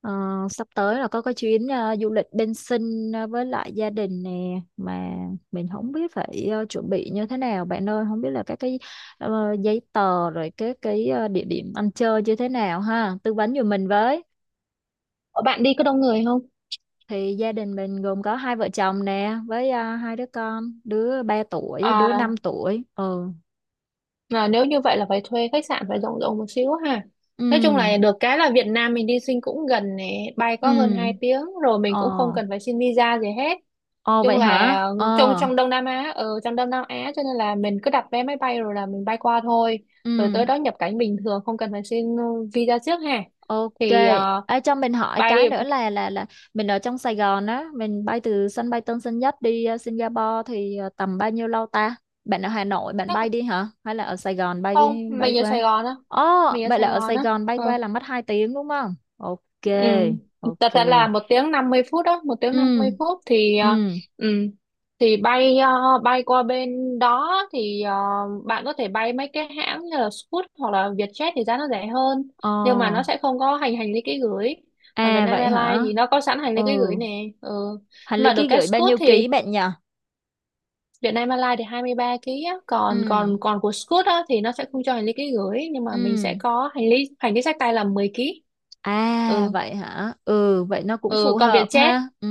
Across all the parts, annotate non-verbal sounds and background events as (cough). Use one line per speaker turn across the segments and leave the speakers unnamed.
Ờ, Sắp tới là có cái chuyến du lịch bên Sinh với lại gia đình nè mà mình không biết phải chuẩn bị như thế nào bạn ơi, không biết là các cái giấy tờ rồi cái địa điểm ăn chơi như thế nào ha, tư vấn giùm mình với.
Ờ, Bạn đi có đông người không?
Thì gia đình mình gồm có hai vợ chồng nè với hai đứa con, đứa ba tuổi đứa
À,
năm tuổi. Ừ.
là nếu như vậy là phải thuê khách sạn phải rộng rộng một xíu ha. Nói chung
Ừ.
là được cái là Việt Nam mình đi sinh cũng gần này, bay có hơn
Ừ.
2 tiếng rồi mình cũng không
Ờ.
cần phải xin visa gì hết.
Ờ
Chung
vậy
là
hả?
trong
Ờ.
trong Đông Nam Á, ở trong Đông Nam Á cho nên là mình cứ đặt vé máy bay rồi là mình bay qua thôi. Rồi
Ừ.
tới đó nhập cảnh bình thường không cần phải xin visa trước ha.
Ok.
Thì ờ,
Ê, cho mình hỏi cái
bay
nữa là là mình ở trong Sài Gòn á, mình bay từ sân bay Tân Sơn Nhất đi Singapore thì tầm bao nhiêu lâu ta? Bạn ở Hà Nội bạn
chắc là-
bay đi hả? Hay là ở Sài Gòn bay
không,
đi bay
mình ở
qua?
Sài Gòn á,
Ồ,
mình ở
vậy là
Sài
ở
Gòn
Sài
á.
Gòn bay
Ừ.
qua là mất 2 tiếng đúng không? Ok,
Ừ. Thật
ok.
ra là 1 tiếng 50 phút đó, một tiếng năm
Ừ,
mươi phút thì
ừ.
ừ, thì bay qua bên đó thì bạn có thể bay mấy cái hãng như là Scoot hoặc là Vietjet thì giá nó rẻ hơn,
Ồ,
nhưng mà nó sẽ không có hành hành lý ký gửi. Còn
à
Vietnam
vậy
Airlines
hả?
thì nó có sẵn hành
Ừ,
lý ký gửi nè. Ừ.
hành
Nhưng
lý
mà được
ký
cái
gửi bao
Scoot
nhiêu ký
thì
bạn nhỉ?
Vietnam Airlines thì 23 kg á, còn
Ừ,
còn còn của Scoot á thì nó sẽ không cho hành lý ký gửi, nhưng mà mình sẽ
ừ.
có hành lý xách tay là 10 ký.
À
Ừ.
vậy hả? Ừ vậy nó cũng
ừ
phù
Còn
hợp
Vietjet.
ha. Ừ.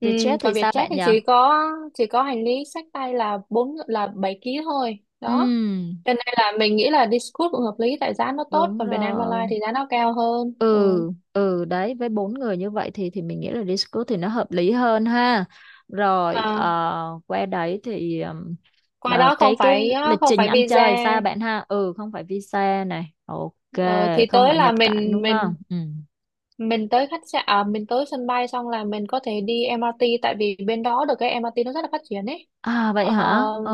ừ,
Vietjet thì
Còn
sao
Vietjet
bạn
thì
nhỉ?
chỉ có hành lý xách tay là bốn là 7 ký thôi đó,
Ừ
cho nên là mình nghĩ là đi Scoot cũng hợp lý tại giá nó tốt,
đúng
còn Vietnam Airlines
rồi.
thì giá nó cao hơn. Ừ.
Ừ ừ đấy, với bốn người như vậy thì mình nghĩ là Discord thì nó hợp lý hơn ha. Rồi
à,
qua đấy thì
Qua đó không
cái
phải,
lịch trình ăn
visa.
chơi sao bạn ha? Ừ không phải visa này. Ok,
Ờ, thì
không
tới
phải
là
nhập cảnh đúng không? Ừ.
mình tới khách sạn à, Mình tới sân bay xong là mình có thể đi MRT, tại vì bên đó được cái MRT nó rất là phát triển ấy.
À vậy
ờ,
hả? Ờ.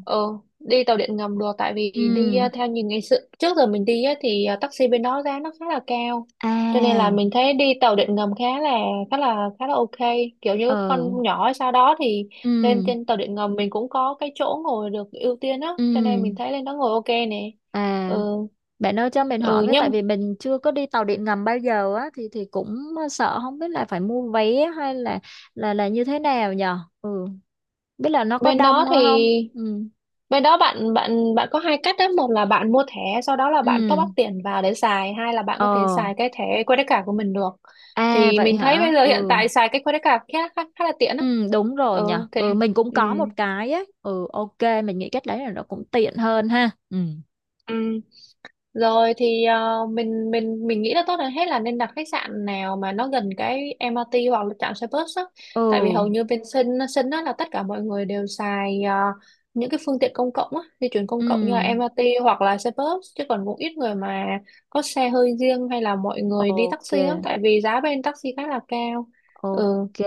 ờ, Đi tàu điện ngầm được, tại vì đi
Ừ.
theo như ngày xưa trước giờ mình đi á, thì taxi bên đó giá nó khá là cao, cho nên là
À.
mình thấy đi tàu điện ngầm khá là ok, kiểu như các
Ờ.
con nhỏ sau đó thì lên
Ừ.
trên tàu điện ngầm mình cũng có cái chỗ ngồi được ưu tiên á,
Ừ.
cho nên mình thấy lên đó ngồi ok nè.
À,
Ừ,
bạn ơi cho mình hỏi
ừ
với, tại
nhưng
vì mình chưa có đi tàu điện ngầm bao giờ á thì cũng sợ không biết là phải mua vé hay là là như thế nào nhờ. Ừ, biết là nó có
bên
đông
đó thì
không? Ừ.
Bên đó bạn bạn bạn có hai cách đó: một là bạn mua thẻ sau đó là bạn top
Ừ.
up tiền vào để xài, hai là bạn
Ờ,
có thể xài cái thẻ credit card của mình được.
à
Thì
vậy
mình thấy
hả?
bây giờ hiện
Ừ.
tại xài cái credit card khá khá, khá là tiện đó.
Ừ đúng rồi nhờ.
Ừ.
Ừ mình cũng
Ừ,
có một cái á. Ừ ok, mình nghĩ cách đấy là nó cũng tiện hơn ha. Ừ.
ừ. Rồi thì mình nghĩ là tốt hơn hết là nên đặt khách sạn nào mà nó gần cái MRT hoặc là trạm xe bus á. Tại vì
Ừ.
hầu như bên Sân Sân á là tất cả mọi người đều xài những cái phương tiện công cộng á, di chuyển
Ừ.
công cộng như là MRT hoặc là xe bus, chứ còn cũng ít người mà có xe hơi riêng hay là mọi người đi
Ok,
taxi á, tại vì giá bên taxi khá là cao. Ừ,
ok,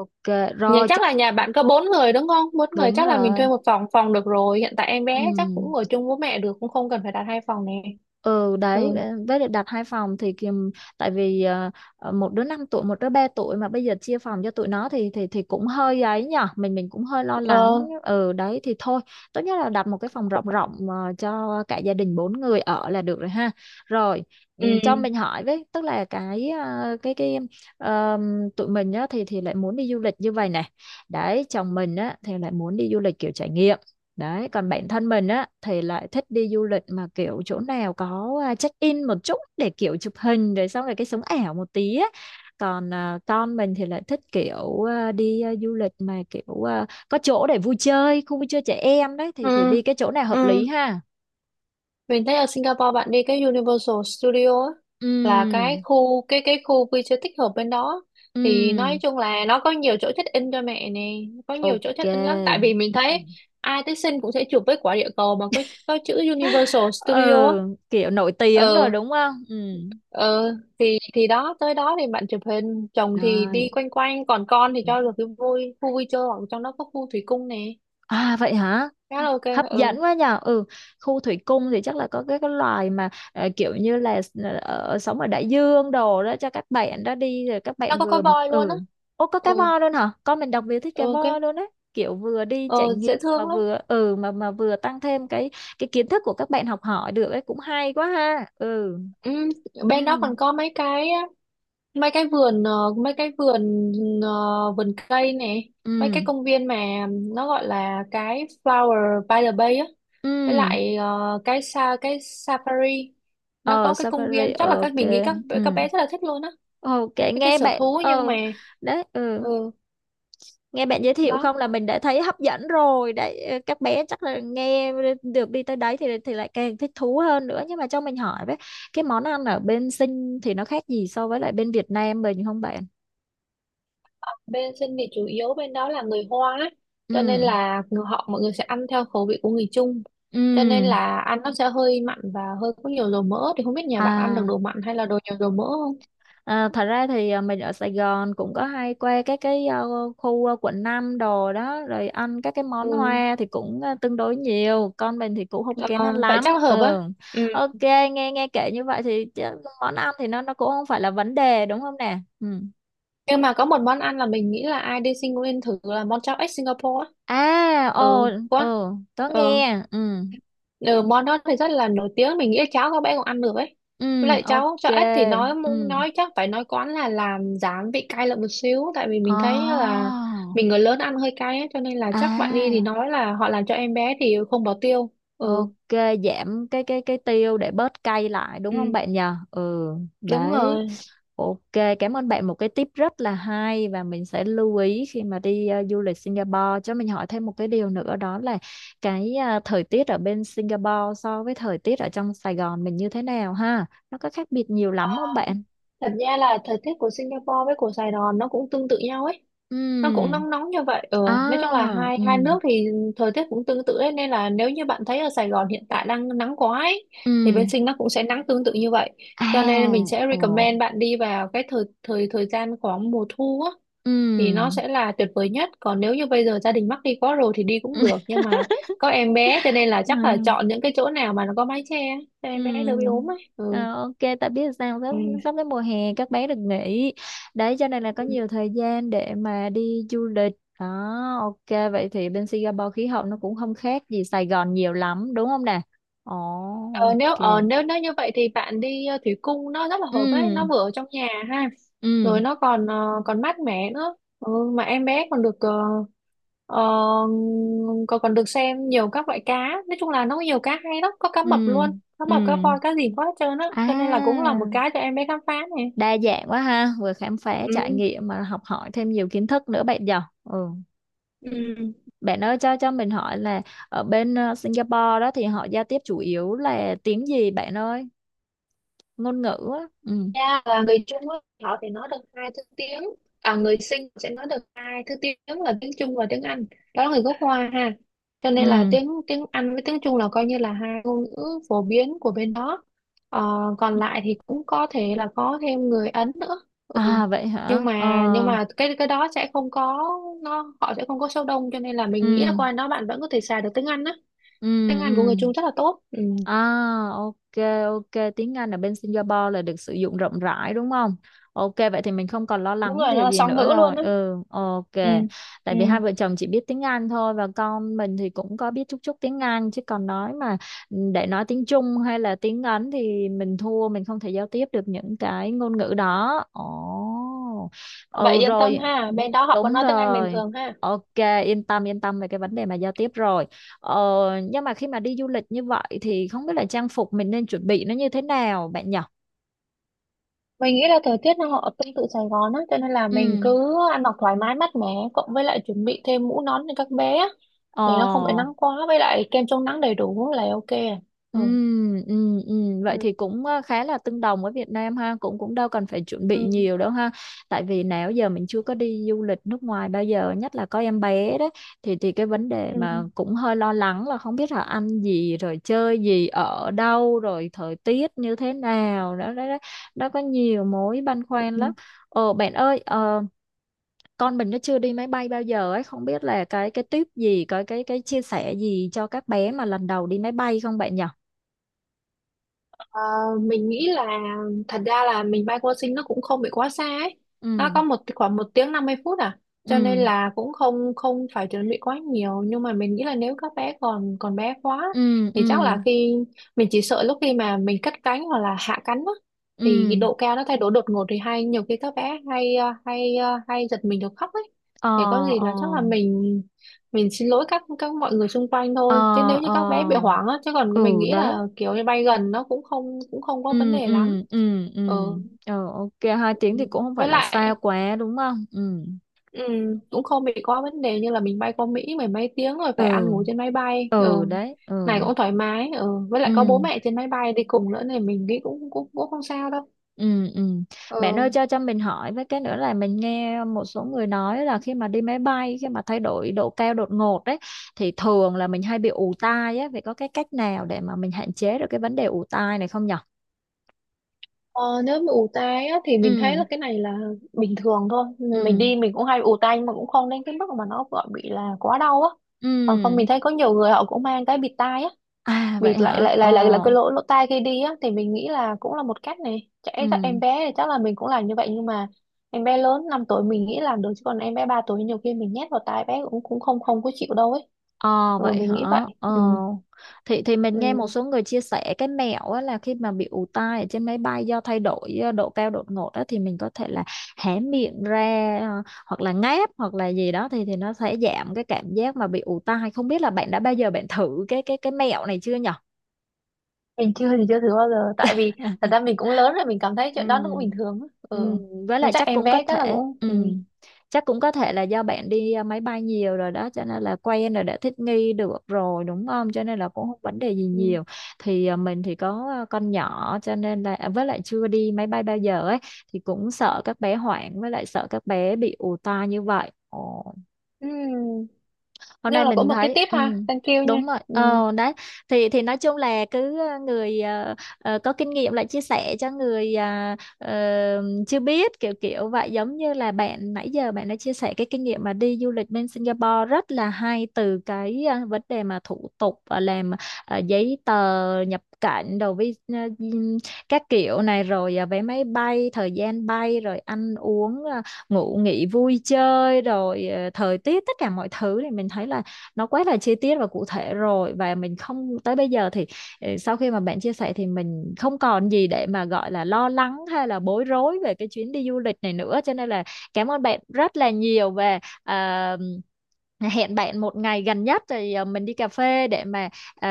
ok. Rồi
chắc
chắc
là nhà bạn có bốn người đúng không? Bốn người
đúng
chắc là mình
rồi.
thuê một phòng phòng được rồi. Hiện tại em
Ừ.
bé chắc cũng ở chung với mẹ được, cũng không cần phải đặt hai phòng nè.
Ừ đấy
Ừ.
với lại đặt hai phòng thì kìm, tại vì một đứa 5 tuổi một đứa 3 tuổi mà bây giờ chia phòng cho tụi nó thì cũng hơi ấy nhở, mình cũng hơi lo lắng
Ờ.
ừ đấy, thì thôi tốt nhất là đặt một cái phòng rộng rộng cho cả gia đình bốn người ở là được rồi ha. Rồi ừ, cho
Ừ,
mình hỏi với, tức là cái cái tụi mình á thì lại muốn đi du lịch như vậy này, đấy chồng mình á thì lại muốn đi du lịch kiểu trải nghiệm. Đấy, còn bản thân mình á thì lại thích đi du lịch mà kiểu chỗ nào có check-in một chút để kiểu chụp hình rồi xong rồi cái sống ảo một tí á. Còn con mình thì lại thích kiểu đi du lịch mà kiểu có chỗ để vui chơi, khu vui chơi trẻ em đấy, thì
ừ,
đi cái chỗ nào hợp lý
ừ.
ha.
Mình thấy ở Singapore bạn đi cái Universal Studio á, là cái
Ừm,
khu cái cái khu vui chơi tích hợp bên đó, thì nói
ừm,
chung là nó có nhiều chỗ check in cho mẹ nè, có nhiều chỗ
ok.
check in lắm, tại vì mình thấy
Ừm.
ai tới sinh cũng sẽ chụp với quả địa cầu mà có chữ Universal Studio á.
Ừ, kiểu nổi tiếng rồi
Ờ,
đúng không? Ừm.
ờ thì đó, tới đó thì bạn chụp hình, chồng thì đi
Rồi.
quanh quanh, còn con thì cho được cái vui khu vui chơi, hoặc trong đó có khu thủy cung nè.
À vậy hả?
Khá là ok.
Hấp
Ừ.
dẫn quá nhờ. Ừ, khu thủy cung thì chắc là có cái loài mà kiểu như là sống ở đại dương đồ đó, cho các bạn đó đi rồi các
Nó
bạn
có
vừa
voi luôn á.
ừ. Ô có cá
ừ
voi luôn hả? Con mình đặc biệt thích cá
ừ cái
voi luôn đấy, kiểu vừa đi trải
ờ,
nghiệm
Dễ
mà
thương lắm.
vừa ừ mà vừa tăng thêm cái kiến thức của các bạn, học hỏi được ấy, cũng hay quá ha. Ừ
ừ,
ừ
Bên đó còn có mấy cái vườn, vườn cây này, mấy cái
ừ
công viên mà nó gọi là cái Flower by the Bay á, với
ừ.
lại cái Safari. Nó
Ờ
có cái công
safari
viên, chắc là
ok.
mình nghĩ các
Ừ
bé rất là thích luôn á,
ok
cái
nghe
sở
bạn
thú nhưng mà.
ờ đấy ừ.
Ừ
Nghe bạn giới thiệu
đó
không là mình đã thấy hấp dẫn rồi đấy, các bé chắc là nghe được đi tới đấy thì lại càng thích thú hơn nữa. Nhưng mà cho mình hỏi với, cái món ăn ở bên Sinh thì nó khác gì so với lại bên Việt Nam mình không bạn?
Bên sinh thì chủ yếu bên đó là người Hoa ấy,
Ừ.
cho nên là họ, mọi người sẽ ăn theo khẩu vị của người Trung, cho nên
Ừ.
là ăn nó sẽ hơi mặn và hơi có nhiều dầu mỡ. Thì không biết nhà bạn ăn được
À.
đồ mặn hay là đồ nhiều dầu mỡ không.
À, thật ra thì mình ở Sài Gòn cũng có hay qua các cái khu quận 5 đồ đó rồi ăn các cái
ừ.
món hoa thì cũng tương đối nhiều. Con mình thì cũng không kén ăn
Ờ, Vậy
lắm
chắc là hợp á.
ừ
Ừ.
ok. Nghe nghe kể như vậy thì chứ món ăn thì nó cũng không phải là vấn đề đúng không nè. Ừ.
Nhưng mà có một món ăn là mình nghĩ là ai đi sinh cũng nên thử, là món cháo ếch Singapore á.
À ồ
ừ quá
ừ, tớ
Ờ,
nghe ừ
Ừ, món đó thì rất là nổi tiếng, mình nghĩ cháu các bé cũng ăn được ấy. Với
ừ
lại cháu
ok
cho ếch thì
ừ.
nói, chắc phải nói quán là làm giảm vị cay lại một xíu, tại vì
Ồ,
mình thấy là mình người lớn ăn hơi cay ấy, cho nên là chắc bạn đi thì
à
nói là họ làm cho em bé thì không bỏ tiêu. ừ
ok, giảm cái cái tiêu để bớt cay lại đúng
ừ
không bạn nhờ? Ừ,
Đúng
đấy.
rồi.
Ok, cảm ơn bạn một cái tip rất là hay, và mình sẽ lưu ý khi mà đi du lịch Singapore. Cho mình hỏi thêm một cái điều nữa, đó là cái thời tiết ở bên Singapore so với thời tiết ở trong Sài Gòn mình như thế nào ha? Nó có khác biệt nhiều lắm không bạn?
Thật ra là thời tiết của Singapore với của Sài Gòn nó cũng tương tự nhau ấy, nó cũng
Ừ.
nóng nóng như vậy. Ừ.
À,
Nói chung là hai
ừ,
hai nước thì thời tiết cũng tương tự ấy, nên là nếu như bạn thấy ở Sài Gòn hiện tại đang nắng quá ấy, thì
ừ.
bên Sinh nó cũng sẽ nắng tương tự như vậy,
À,
cho nên mình sẽ
ồ.
recommend bạn đi vào cái thời thời thời gian khoảng mùa thu á thì nó
Ừm.
sẽ là tuyệt vời nhất. Còn nếu như bây giờ gia đình mắc đi quá rồi thì đi cũng được,
(laughs)
nhưng mà có em bé cho nên là
Ừ.
chắc là chọn những cái chỗ nào mà nó có mái che cho em bé đỡ bị
Ừ.
ốm ấy. Ừ.
Ờ, ok tại biết sao sắp
Ừ.
sắp đến mùa hè các bé được nghỉ đấy, cho nên là có nhiều thời gian để mà đi du lịch đó. Ok vậy thì bên Singapore khí hậu nó cũng không khác gì Sài Gòn nhiều lắm đúng không nè? Ồ
Ờ,
ok.
nếu nếu như vậy thì bạn đi thủy cung, nó rất là hợp ấy, nó
Ừ
vừa ở trong nhà ha,
ừ
rồi nó còn còn mát mẻ nữa. Ừ, mà em bé còn được ờ, ờ, còn còn được xem nhiều các loại cá. Nói chung là nó có nhiều cá hay lắm, có cá mập
ừ
luôn, cá
ừ
mập, cá voi, cá gì có hết trơn á,
à.
cho nên là cũng là một cái cho em bé khám phá này.
Đa dạng quá ha, vừa khám phá trải
Ừ.
nghiệm mà học hỏi thêm nhiều kiến thức nữa bạn nhỉ. Ừ.
Ừ.
Bạn ơi cho mình hỏi là ở bên Singapore đó thì họ giao tiếp chủ yếu là tiếng gì bạn ơi? Ngôn ngữ á. Ừ.
Dạ, và người Trung á, họ thì nói được hai thứ tiếng. Người Sinh sẽ nói được hai thứ tiếng là tiếng Trung và tiếng Anh, đó là người gốc Hoa ha, cho nên là
Ừ.
tiếng tiếng Anh với tiếng Trung là coi như là hai ngôn ngữ phổ biến của bên đó. Ờ, Còn lại thì cũng có thể là có thêm người Ấn nữa. ừ.
À vậy hả?
nhưng
Ờ.
mà nhưng mà cái đó sẽ không có, họ sẽ không có số đông, cho nên là
Ừ.
mình nghĩ là qua đó bạn vẫn có thể xài được tiếng Anh á.
Ừ.
Tiếng Anh của người
Ừ.
Trung rất là tốt. Ừ.
À, ok, ok. Tiếng Anh ở bên Singapore là được sử dụng rộng rãi đúng không? Ok, vậy thì mình không còn lo
Đúng
lắng
rồi,
điều
nó là
gì
song
nữa
ngữ luôn
rồi.
á.
Ừ, ok.
ừ.
Tại
Ừ.
vì hai vợ chồng chỉ biết tiếng Anh thôi và con mình thì cũng có biết chút chút tiếng Anh, chứ còn nói mà để nói tiếng Trung hay là tiếng Ấn thì mình thua, mình không thể giao tiếp được những cái ngôn ngữ đó. Ồ,
Vậy
ừ
yên tâm
rồi,
ha, bên đó họ vẫn
đúng
nói tiếng Anh bình
rồi.
thường ha.
Ok, yên tâm về cái vấn đề mà giao tiếp rồi. Ờ, nhưng mà khi mà đi du lịch như vậy thì không biết là trang phục mình nên chuẩn bị nó như thế nào bạn nhỉ?
Mình nghĩ là thời tiết nó họ tương tự Sài Gòn á, cho nên là mình
Ừ.
cứ ăn mặc thoải mái mát mẻ, cộng với lại chuẩn bị thêm mũ nón cho các bé á,
Ờ.
để nó không bị nắng quá, với lại kem chống nắng đầy đủ là ok. Ừ.
Ừ, ừ, ừ.
Ừ.
Vậy thì cũng khá là tương đồng với Việt Nam ha, cũng cũng đâu cần phải chuẩn
Ừ.
bị nhiều đâu ha. Tại vì nào giờ mình chưa có đi du lịch nước ngoài bao giờ, nhất là có em bé đấy, thì cái vấn đề mà cũng hơi lo lắng là không biết là ăn gì rồi chơi gì ở đâu rồi thời tiết như thế nào đó đó đó. Nó có nhiều mối băn khoăn lắm.
Ừ.
Ờ bạn ơi, ờ, con mình nó chưa đi máy bay bao giờ ấy, không biết là cái tip gì cái chia sẻ gì cho các bé mà lần đầu đi máy bay không bạn nhỉ?
Ờ, mình nghĩ là thật ra là mình bay qua Sing nó cũng không bị quá xa ấy.
Ừ
Nó có một khoảng 1 tiếng 50 phút à. Cho nên
ừ
là cũng không không phải chuẩn bị quá nhiều, nhưng mà mình nghĩ là nếu các bé còn còn bé quá
ừ
thì
ừ
chắc là mình chỉ sợ lúc khi mà mình cất cánh hoặc là hạ cánh á, thì cái
ừ
độ cao nó thay đổi đột ngột, thì hay nhiều khi các bé hay giật mình được khóc ấy.
ờ
Thì có gì
ờ
là chắc là mình xin lỗi các mọi người xung quanh
ờ
thôi, chứ nếu như
ờ
các bé bị hoảng á, chứ còn mình
ừ
nghĩ
đấy
là kiểu như bay gần nó cũng không có vấn
ừ
đề lắm.
ừ ừ ừ.
ừ
Ờ ok, hai tiếng thì cũng không
với
phải là xa
lại
quá đúng không. Ừ
ừ, cũng không bị có vấn đề như là mình bay qua Mỹ mười mấy tiếng rồi phải ăn
ừ
ngủ trên máy bay. Ừ
ừ đấy
Này
ừ
cũng thoải mái. Ừ với
ừ.
lại có bố mẹ trên máy bay đi cùng nữa nên mình nghĩ cũng cũng cũng không sao đâu.
Ừ, ừ. Bạn
ừ
ơi cho mình hỏi với cái nữa là mình nghe một số người nói là khi mà đi máy bay, khi mà thay đổi độ cao đột ngột đấy thì thường là mình hay bị ù tai á, vậy có cái cách nào để mà mình hạn chế được cái vấn đề ù tai này không nhở?
Ờ, Nếu bị ù tai á, thì mình thấy
Ừ,
là cái này là bình thường thôi.
ừ,
Mình đi mình cũng hay bị ù tai, nhưng mà cũng không đến cái mức mà nó gọi bị là quá đau á. Còn không, mình
ừ.
thấy có nhiều người họ cũng mang cái bịt tai á,
À vậy
bịt lại
hả?
lại
Ờ,
lại lại là cái lỗ lỗ tai khi đi á, thì mình nghĩ là cũng là một cách. Này chạy các
ừ.
em bé thì chắc là mình cũng làm như vậy, nhưng mà em bé lớn 5 tuổi mình nghĩ làm được, chứ còn em bé 3 tuổi nhiều khi mình nhét vào tai bé cũng cũng không không có chịu đâu ấy.
Ờ vậy
Mình
hả?
nghĩ vậy.
Ờ.
ừ.
Thì mình
Ừ.
nghe một số người chia sẻ cái mẹo á, là khi mà bị ù tai ở trên máy bay do thay đổi độ cao đột ngột á thì mình có thể là hé miệng ra hoặc là ngáp hoặc là gì đó, thì nó sẽ giảm cái cảm giác mà bị ù tai. Không biết là bạn đã bao giờ bạn thử cái cái mẹo này chưa nhở?
Mình chưa thử bao giờ, tại vì thật ra
(laughs)
mình cũng lớn rồi, mình cảm thấy
Ừ.
chuyện đó nó cũng bình thường á. Ừ
Ừ. Với
Mà
lại
chắc
chắc
em
cũng có
bé chắc là
thể
cũng. Ừ
ừ. Chắc cũng có thể là do bạn đi máy bay nhiều rồi đó cho nên là quen rồi, đã thích nghi được rồi đúng không, cho nên là cũng không vấn đề gì
ừ
nhiều. Thì mình thì có con nhỏ cho nên là à, với lại chưa đi máy bay bao giờ ấy thì cũng sợ các bé hoảng với lại sợ các bé bị ù tai như vậy.
ừ
Hôm
nhưng
nay
là cũng
mình
một cái
thấy
tip
ừ,
ha, thank you nha.
đúng rồi
ừ
ờ đấy, thì nói chung là cứ người có kinh nghiệm lại chia sẻ cho người chưa biết kiểu kiểu vậy, giống như là bạn nãy giờ bạn đã chia sẻ cái kinh nghiệm mà đi du lịch bên Singapore rất là hay, từ cái vấn đề mà thủ tục làm giấy tờ nhập cảnh đồ vi các kiểu này, rồi à, vé máy bay, thời gian bay, rồi ăn uống ngủ nghỉ vui chơi, rồi thời tiết, tất cả mọi thứ, thì mình thấy là nó quá là chi tiết và cụ thể rồi. Và mình không tới bây giờ thì sau khi mà bạn chia sẻ thì mình không còn gì để mà gọi là lo lắng hay là bối rối về cái chuyến đi du lịch này nữa, cho nên là cảm ơn bạn rất là nhiều về à, hẹn bạn một ngày gần nhất thì mình đi cà phê để mà ờ,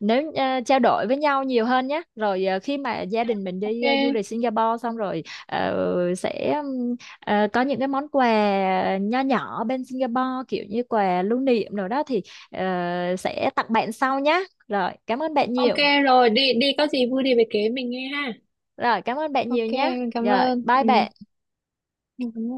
nếu trao đổi với nhau nhiều hơn nhé. Rồi khi mà gia đình mình đi du lịch
ok.
Singapore xong rồi sẽ ờ, có những cái món quà nho nhỏ bên Singapore, kiểu như quà lưu niệm rồi đó thì ờ, sẽ tặng bạn sau nhé. Rồi, cảm ơn bạn
Ok.
nhiều.
Rồi, đi đi có gì vui thì về kể mình nghe ha.
Rồi, cảm ơn bạn nhiều
Ok,
nhé.
mình cảm
Rồi,
ơn.
bye
Ừ
bạn.
mình cảm ơn.